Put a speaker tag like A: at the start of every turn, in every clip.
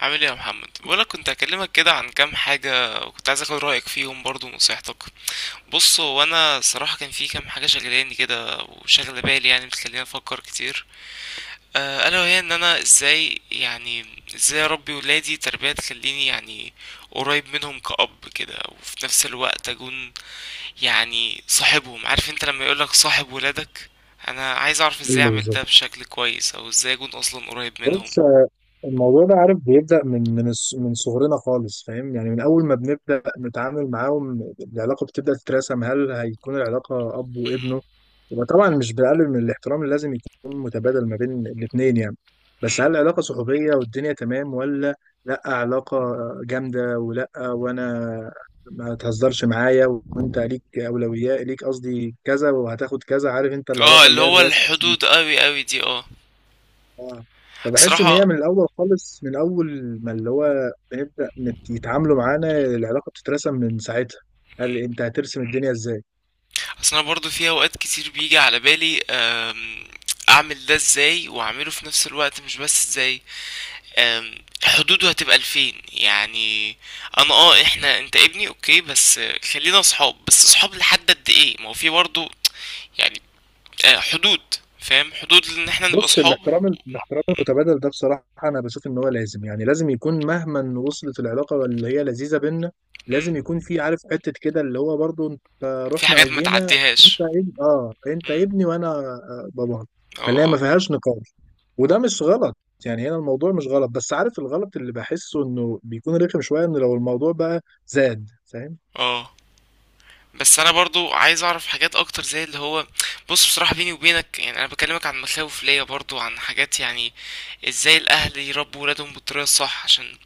A: عامل ايه يا محمد؟ بقولك كنت هكلمك كده عن كام حاجة، وكنت عايز اخد رأيك فيهم برضو ونصيحتك. بص، هو انا صراحة كان في كام حاجة شغلاني كده وشغلة بالي، يعني بتخليني افكر كتير. الا وهي ان انا ازاي يعني، ازاي اربي ولادي تربية تخليني يعني قريب منهم كأب كده، وفي نفس الوقت اكون يعني صاحبهم. عارف انت لما يقولك صاحب ولادك، انا عايز اعرف ازاي
B: ايوه،
A: اعمل
B: بالظبط.
A: ده بشكل كويس، او ازاي اكون اصلا قريب منهم.
B: بص، الموضوع ده عارف بيبدأ من صغرنا خالص، فاهم؟ يعني من أول ما بنبدأ نتعامل معاهم العلاقة بتبدأ تترسم. هل هيكون العلاقة أب وابنه يبقى طبعا مش بقلل من الاحترام اللي لازم يكون متبادل ما بين الاتنين، يعني
A: مهم.
B: بس هل العلاقة صحوبية والدنيا تمام، ولا لأ علاقة جامدة؟ ولأ وأنا ما تهزرش معايا، وأنت ليك أولويات ليك، قصدي كذا وهتاخد كذا، عارف أنت،
A: اه،
B: العلاقة
A: اللي
B: اللي هي
A: هو
B: الرسمي.
A: الحدود قوي قوي دي، اه.
B: اه، فبحس ان
A: صراحة.
B: هي من الاول خالص، من اول ما اللي هو يتعاملوا معانا العلاقه بتترسم من ساعتها. قال لي
A: مم.
B: انت هترسم الدنيا ازاي؟
A: اصل انا برضو في اوقات كتير بيجي على بالي، اعمل ده ازاي واعمله في نفس الوقت، مش بس ازاي، أم، حدوده هتبقى لفين يعني. انا اه احنا، انت ابني اوكي، بس خلينا اصحاب، بس اصحاب لحد قد ايه؟ ما هو في برضو يعني حدود. فاهم، حدود ان احنا نبقى
B: بص،
A: اصحاب. مم.
B: الاحترام المتبادل ده بصراحة أنا بشوف إن هو لازم، يعني لازم يكون، مهما وصلت العلاقة اللي هي لذيذة بينا،
A: مم.
B: لازم يكون في، عارف، حتة كده اللي هو برضو أنت
A: في
B: رحنا
A: حاجات
B: أو
A: ما
B: جينا، أنت
A: تعديهاش.
B: ابن، أنت
A: مم.
B: ابني وأنا باباك. فاللي هي ما
A: اه
B: فيهاش نقاش، وده مش غلط. يعني هنا الموضوع مش غلط، بس عارف الغلط اللي بحسه إنه بيكون رخم شوية إن لو الموضوع بقى زاد، فاهم؟
A: اه. بس انا برضو عايز اعرف حاجات اكتر، زي اللي هو، بص بصراحة بيني وبينك، يعني انا بكلمك عن مخاوف ليا برضو، عن حاجات يعني ازاي الاهل يربوا ولادهم بالطريقة الصح، عشان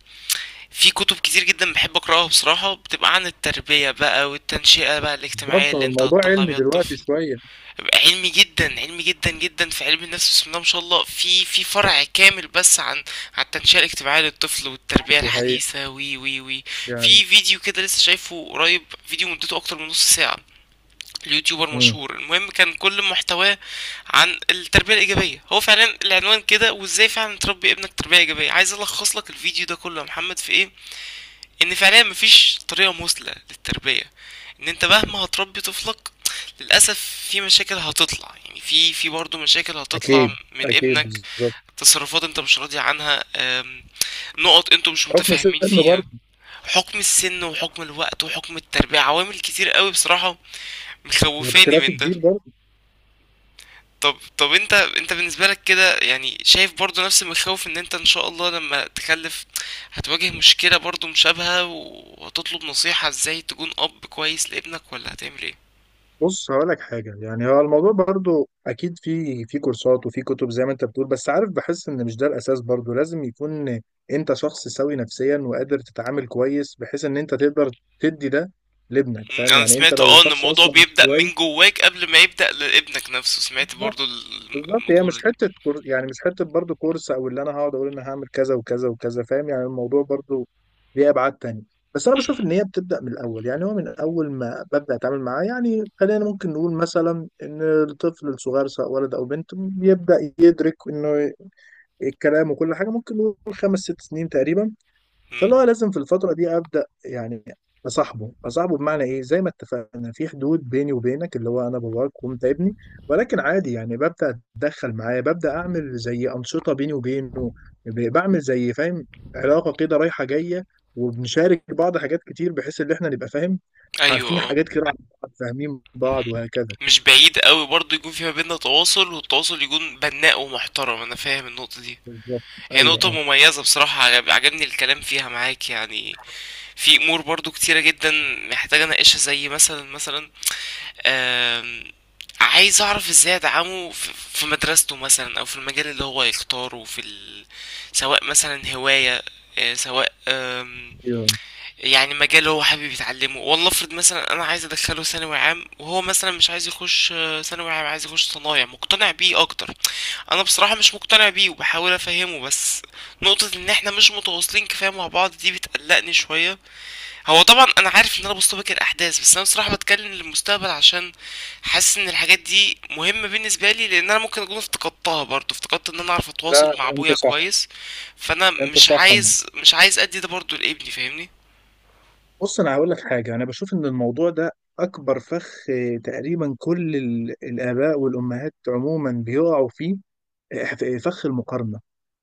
A: في كتب كتير جدا بحب اقراها بصراحة، بتبقى عن التربية بقى والتنشئة بقى الاجتماعية
B: بالظبط. هو
A: اللي انت
B: الموضوع
A: هتطلع
B: علمي
A: بيها
B: دلوقتي
A: الطفل.
B: شوية.
A: بيبقى علمي جدا، علمي جدا جدا، في علم النفس بسم الله ما شاء الله، في فرع كامل بس عن عن التنشئة الاجتماعية للطفل والتربية
B: دي حقيقة
A: الحديثة، وي وي وي.
B: يعني.
A: في فيديو كده لسه شايفه قريب، فيديو مدته اكتر من نص ساعة، اليوتيوبر
B: امم
A: مشهور. المهم كان كل محتواه عن التربية الإيجابية، هو فعلا العنوان كده، وازاي فعلا تربي ابنك تربية إيجابية. عايز ألخص لك الفيديو ده كله يا محمد في إيه؟ إن فعليا مفيش طريقة مثلى للتربية، إن أنت مهما هتربي طفلك، للأسف في مشاكل هتطلع، يعني في في برضه مشاكل هتطلع
B: أكيد
A: من
B: أكيد،
A: ابنك،
B: بالظبط.
A: تصرفات انت مش راضي عنها، نقط انتوا مش
B: حكم السن
A: متفاهمين فيها.
B: برضه.
A: حكم السن وحكم الوقت وحكم التربية، عوامل كتير قوي بصراحة مخوفاني
B: اختلاف
A: من ده.
B: الجيل برضه.
A: طب طب انت، انت بالنسبة لك كده يعني شايف برضو نفس المخاوف؟ ان انت ان شاء الله لما تخلف هتواجه مشكلة برضو مشابهة، وهتطلب نصيحة ازاي تكون اب كويس لابنك، ولا هتعمل ايه؟
B: بص هقول لك حاجه. يعني هو الموضوع برضه اكيد في كورسات وفي كتب زي ما انت بتقول، بس عارف بحس ان مش ده الاساس. برضه لازم يكون انت شخص سوي نفسيا وقادر تتعامل كويس، بحيث ان انت تقدر تدي ده لابنك،
A: مم،
B: فاهم؟
A: انا
B: يعني انت
A: سمعت
B: لو
A: اه ان
B: شخص
A: الموضوع
B: اصلا مش
A: بيبدأ
B: كويس.
A: من جواك قبل ما يبدأ لابنك نفسه، سمعت برضو
B: بالظبط. هي مش
A: المقولة دي.
B: حته يعني مش حته برضو كورس، او اللي انا هقعد اقول انا هعمل كذا وكذا وكذا، فاهم؟ يعني الموضوع برضو ليه ابعاد تانية. بس انا بشوف ان هي بتبدا من الاول، يعني هو من اول ما ببدا اتعامل معاه. يعني خلينا ممكن نقول مثلا ان الطفل الصغير، سواء ولد او بنت، بيبدا يدرك انه الكلام وكل حاجه ممكن نقول خمس ست سنين تقريبا.
A: مم.
B: فاللي هو لازم في الفترة دي أبدأ، يعني أصاحبه بمعنى إيه؟ زي ما اتفقنا في حدود بيني وبينك اللي هو أنا باباك وأنت ابني، ولكن عادي يعني ببدأ أتدخل معاه، ببدأ أعمل زي أنشطة بيني وبينه، بعمل زي، فاهم، علاقة كده رايحة جاية، وبنشارك بعض حاجات كتير بحيث إن إحنا نبقى، فاهم، عارفين
A: ايوه.
B: حاجات كده عن بعض، فاهمين بعض،
A: مهم.
B: وهكذا.
A: مش بعيد قوي برضو يكون في ما بيننا تواصل، والتواصل يكون بناء ومحترم، انا فاهم النقطة دي.
B: بالظبط.
A: هي
B: أيوه،
A: نقطة
B: أه.
A: مميزة بصراحة، عجبني الكلام فيها معاك يعني. في امور برضو كتيرة جدا محتاجة اناقشها، زي مثلا مثلا، آم، عايز اعرف ازاي ادعمه في في مدرسته مثلا، او في المجال اللي هو يختاره في ال... سواء مثلا هواية، سواء
B: أيوه.
A: يعني مجال هو حابب يتعلمه. والله افرض مثلا انا عايز ادخله ثانوي عام، وهو مثلا مش عايز يخش ثانوي عام، عايز يخش صنايع، مقتنع بيه اكتر. انا بصراحة مش مقتنع بيه وبحاول افهمه، بس نقطة ان احنا مش متواصلين كفاية مع بعض دي بتقلقني شوية. هو طبعا انا عارف ان انا بستبق الاحداث، بس انا بصراحة بتكلم للمستقبل، عشان حاسس ان الحاجات دي مهمة بالنسبة لي، لان انا ممكن اكون افتقدتها برضه، افتقدت ان انا اعرف
B: لا
A: اتواصل مع
B: أنت
A: ابويا
B: صح.
A: كويس. فانا
B: أنت
A: مش
B: صح.
A: عايز مش عايز ادي ده برضه لابني فاهمني.
B: بص انا هقول لك حاجه. انا بشوف ان الموضوع ده اكبر فخ، تقريبا كل الاباء والامهات عموما بيقعوا فيه، فخ المقارنه،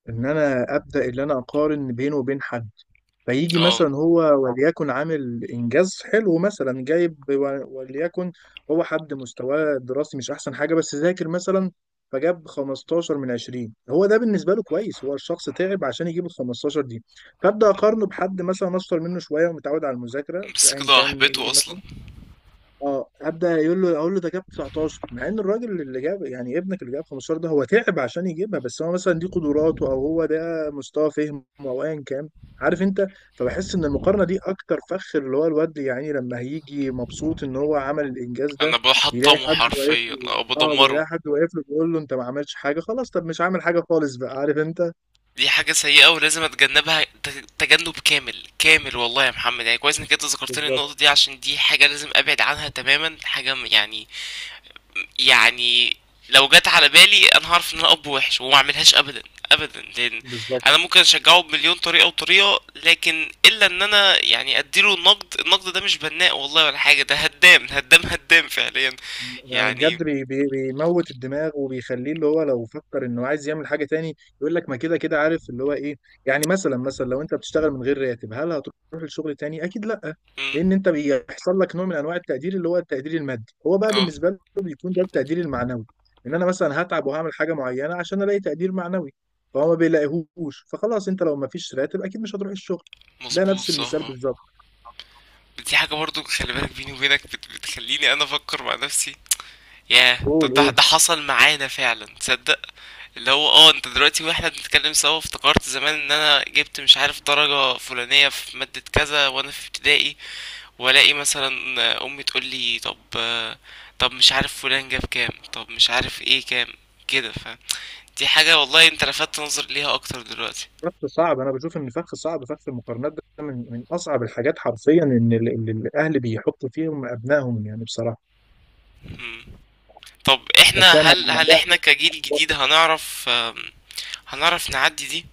B: ان انا ابدا ان انا اقارن بيني وبين حد. فيجي مثلا هو، وليكن عامل انجاز حلو مثلا، جايب وليكن هو حد مستواه الدراسي مش احسن حاجه بس ذاكر مثلا، فجاب 15 من 20. هو ده بالنسبه له كويس، هو الشخص تعب عشان يجيب ال 15 دي، فابدا اقارنه بحد مثلا اشطر منه شويه ومتعود على المذاكره
A: بس
B: ايا
A: كده
B: كان
A: هحبطه
B: ايه
A: اصلا.
B: مثلا. اه ابدا يقول له، اقول له ده جاب 19، مع ان الراجل اللي جاب، يعني ابنك اللي جاب 15 ده، هو تعب عشان يجيبها، بس هو مثلا دي قدراته او هو ده مستوى فهمه او ايا كان، عارف انت. فبحس ان المقارنه دي اكتر فخ، اللي هو الواد يعني لما هيجي مبسوط ان هو عمل الانجاز
A: انا
B: ده يلاقي
A: بحطمه
B: حد واقف
A: حرفيا
B: له.
A: او
B: اه،
A: بدمره.
B: بيلاقي حد واقف له بيقول له انت ما عملتش حاجه، خلاص طب مش عامل حاجه خالص بقى، عارف انت.
A: دي حاجة سيئة ولازم اتجنبها، تجنب كامل كامل. والله يا محمد، يعني كويس انك انت ذكرتني النقطة
B: بالظبط.
A: دي، عشان دي حاجة لازم ابعد عنها تماما، حاجة يعني. يعني لو جت على بالي، انا هعرف ان انا اب وحش، وما اعملهاش ابدا. ابدا، لان
B: بالظبط.
A: انا ممكن اشجعه بمليون طريقة وطريقة، لكن الا ان انا يعني اديله النقد. النقد ده مش بناء والله ولا حاجة، ده هدام هدام هدام فعليا
B: يعني
A: يعني.
B: بجد بي بيموت الدماغ وبيخليه اللي هو لو فكر انه عايز يعمل حاجه تاني يقول لك ما كده كده، عارف اللي هو ايه. يعني مثلا، مثلا لو انت بتشتغل من غير راتب، هل هتروح الشغل تاني؟ اكيد لا.
A: امم.
B: لان انت بيحصل لك نوع من انواع التقدير، اللي هو التقدير المادي. هو بقى
A: اه
B: بالنسبه له بيكون ده التقدير المعنوي، ان انا مثلا هتعب وهعمل حاجه معينه عشان الاقي تقدير معنوي. فهو ما بيلاقيهوش، فخلاص، انت لو ما فيش راتب اكيد مش هتروح الشغل. ده
A: مظبوط
B: نفس المثال
A: صح.
B: بالظبط.
A: دي حاجة برضو خلي بالك بيني وبينك، بتخليني انا افكر مع نفسي. ياه،
B: قول،
A: طب ده
B: قول.
A: ده حصل معانا فعلا، تصدق؟ اللي هو اه انت دلوقتي واحنا بنتكلم سوا، افتكرت زمان ان انا جبت مش عارف درجة فلانية في مادة كذا وانا في ابتدائي، والاقي مثلا امي تقول لي، طب طب مش عارف فلان جاب كام، طب مش عارف ايه كام، كده. فدي حاجة والله انت لفتت نظري ليها اكتر دلوقتي.
B: فخ صعب. انا بشوف ان فخ صعب، فخ المقارنات ده من من اصعب الحاجات حرفيا، ان الاهل بيحطوا فيهم ابنائهم، يعني بصراحه.
A: مم. طب
B: انت
A: احنا،
B: بتعمل
A: هل
B: عليها
A: احنا
B: نقطة.
A: كجيل جديد هنعرف، هنعرف نعدي دي؟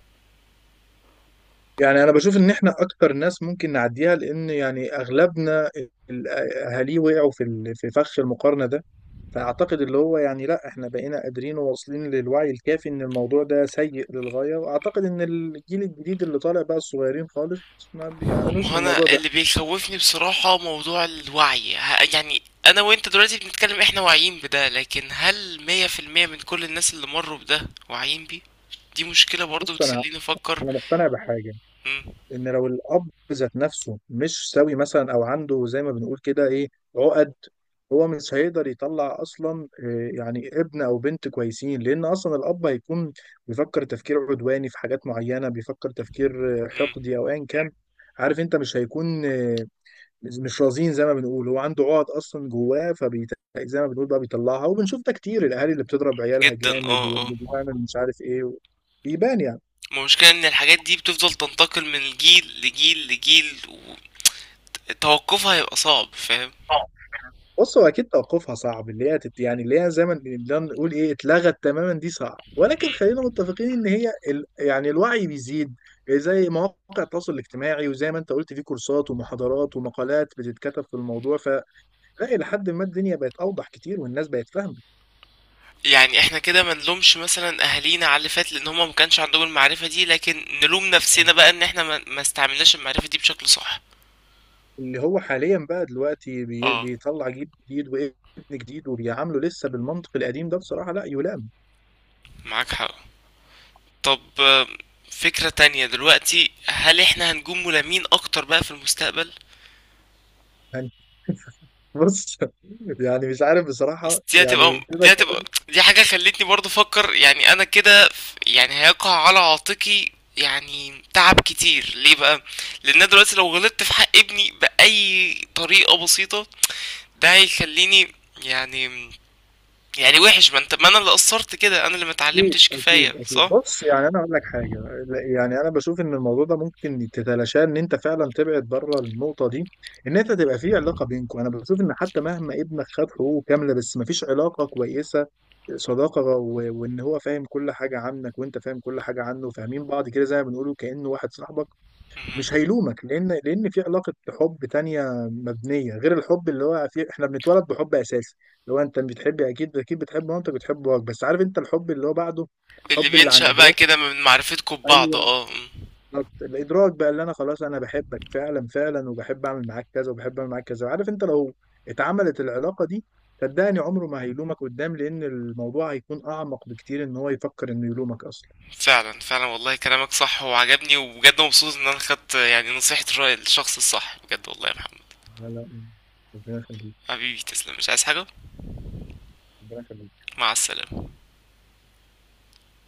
B: يعني انا بشوف ان احنا اكتر ناس ممكن نعديها، لان يعني اغلبنا اهاليه وقعوا في فخ المقارنه ده. فاعتقد اللي هو، يعني لا، احنا بقينا قادرين وواصلين للوعي الكافي ان الموضوع ده سيء للغايه. واعتقد ان الجيل الجديد اللي طالع بقى، الصغيرين خالص، ما
A: ما
B: بيعانوش
A: هو
B: من
A: انا
B: الموضوع ده.
A: اللي بيخوفني بصراحة موضوع الوعي، يعني انا وانت دلوقتي بنتكلم احنا واعيين بده، لكن هل 100% من كل الناس اللي مروا بده واعيين بيه؟ دي مشكلة برضو
B: بص انا
A: بتخليني افكر.
B: انا مقتنع بحاجه،
A: مم.
B: ان لو الاب ذات نفسه مش سوي مثلا، او عنده زي ما بنقول كده ايه، عقد، هو مش هيقدر يطلع اصلا، يعني ابن او بنت كويسين، لان اصلا الاب هيكون بيفكر تفكير عدواني في حاجات معينه، بيفكر تفكير
A: مم.
B: حقدي او ايا كان، عارف انت، مش هيكون مش رزين زي ما بنقول. هو عنده عقد اصلا جواه فبيت زي ما بنقول، بقى بيطلعها. وبنشوف ده كتير، الاهالي اللي بتضرب عيالها
A: جدا،
B: جامد
A: اه اه.
B: واللي بتعمل مش عارف ايه، بيبان يعني.
A: ما المشكلة ان الحاجات دي بتفضل تنتقل من جيل لجيل لجيل، وتوقفها هيبقى صعب فاهم.
B: بص هو اكيد توقفها صعب، اللي هي يعني اللي هي زي ما نقدر نقول ايه اتلغت تماما، دي صعب، ولكن خلينا متفقين ان هي يعني الوعي بيزيد زي مواقع التواصل الاجتماعي، وزي ما انت قلت في كورسات ومحاضرات ومقالات بتتكتب في الموضوع، فلا، الى حد ما الدنيا بقت اوضح كتير والناس بقت فاهمه.
A: يعني احنا كده ما نلومش مثلا اهالينا على اللي فات، لان هما ما كانش عندهم المعرفة دي، لكن نلوم نفسنا بقى ان احنا ما استعملناش المعرفة دي بشكل صح.
B: اللي هو حاليا بقى دلوقتي
A: اه
B: بيطلع جيل جديد وابن جديد، وبيعامله لسه بالمنطق القديم ده، بصراحه لا يلام.
A: معاك حق. طب فكرة تانية دلوقتي، هل احنا هنكون ملامين اكتر بقى في المستقبل؟
B: يعني بص، يعني مش عارف
A: بس
B: بصراحه،
A: دي هتبقى،
B: يعني كده كده.
A: دي حاجة خلتني برضو افكر يعني، انا كده يعني هيقع على عاتقي يعني تعب كتير ليه بقى، لان أنا دلوقتي لو غلطت في حق ابني باي طريقة بسيطة، ده هيخليني يعني يعني وحش. ما انت، ما انا اللي قصرت كده، انا اللي ما
B: اكيد
A: اتعلمتش
B: اكيد
A: كفاية،
B: اكيد.
A: صح.
B: بص يعني انا اقول لك حاجه. يعني انا بشوف ان الموضوع ده ممكن تتلاشاه، ان انت فعلا تبعد بره النقطه دي. ان انت تبقى في علاقه بينكم، انا بشوف ان حتى مهما ابنك خد حقوقه كامله بس ما فيش علاقه كويسه، صداقه، وان هو فاهم كل حاجه عنك وانت فاهم كل حاجه عنه، فاهمين بعض كده زي ما بنقوله كانه واحد صاحبك، مش
A: مهم.
B: هيلومك، لان في علاقه حب تانية مبنيه غير الحب اللي هو في، احنا بنتولد بحب اساسي، اللي هو انت بتحب، اكيد اكيد بتحب مامتك بتحب باباك، بس عارف انت الحب اللي هو بعده،
A: اللي
B: الحب اللي عن
A: بينشأ بقى
B: ادراك.
A: كده من معرفتكم ببعض،
B: ايوه
A: اه. مم.
B: بالظبط. الادراك بقى اللي انا خلاص انا بحبك فعلا فعلا، وبحب اعمل معاك كذا وبحب اعمل معاك كذا، عارف انت، لو اتعملت العلاقه دي صدقني عمره ما هيلومك قدام، لان الموضوع هيكون اعمق بكتير ان هو يفكر انه يلومك اصلا.
A: فعلا فعلا والله كلامك صح وعجبني، وبجد مبسوط ان انا خدت يعني نصيحة، الراي الشخص الصح بجد والله يا محمد.
B: لا لا، ربنا يخليك.
A: حبيبي تسلم، مش عايز حاجة.
B: ربنا يخليك.
A: مع السلامة.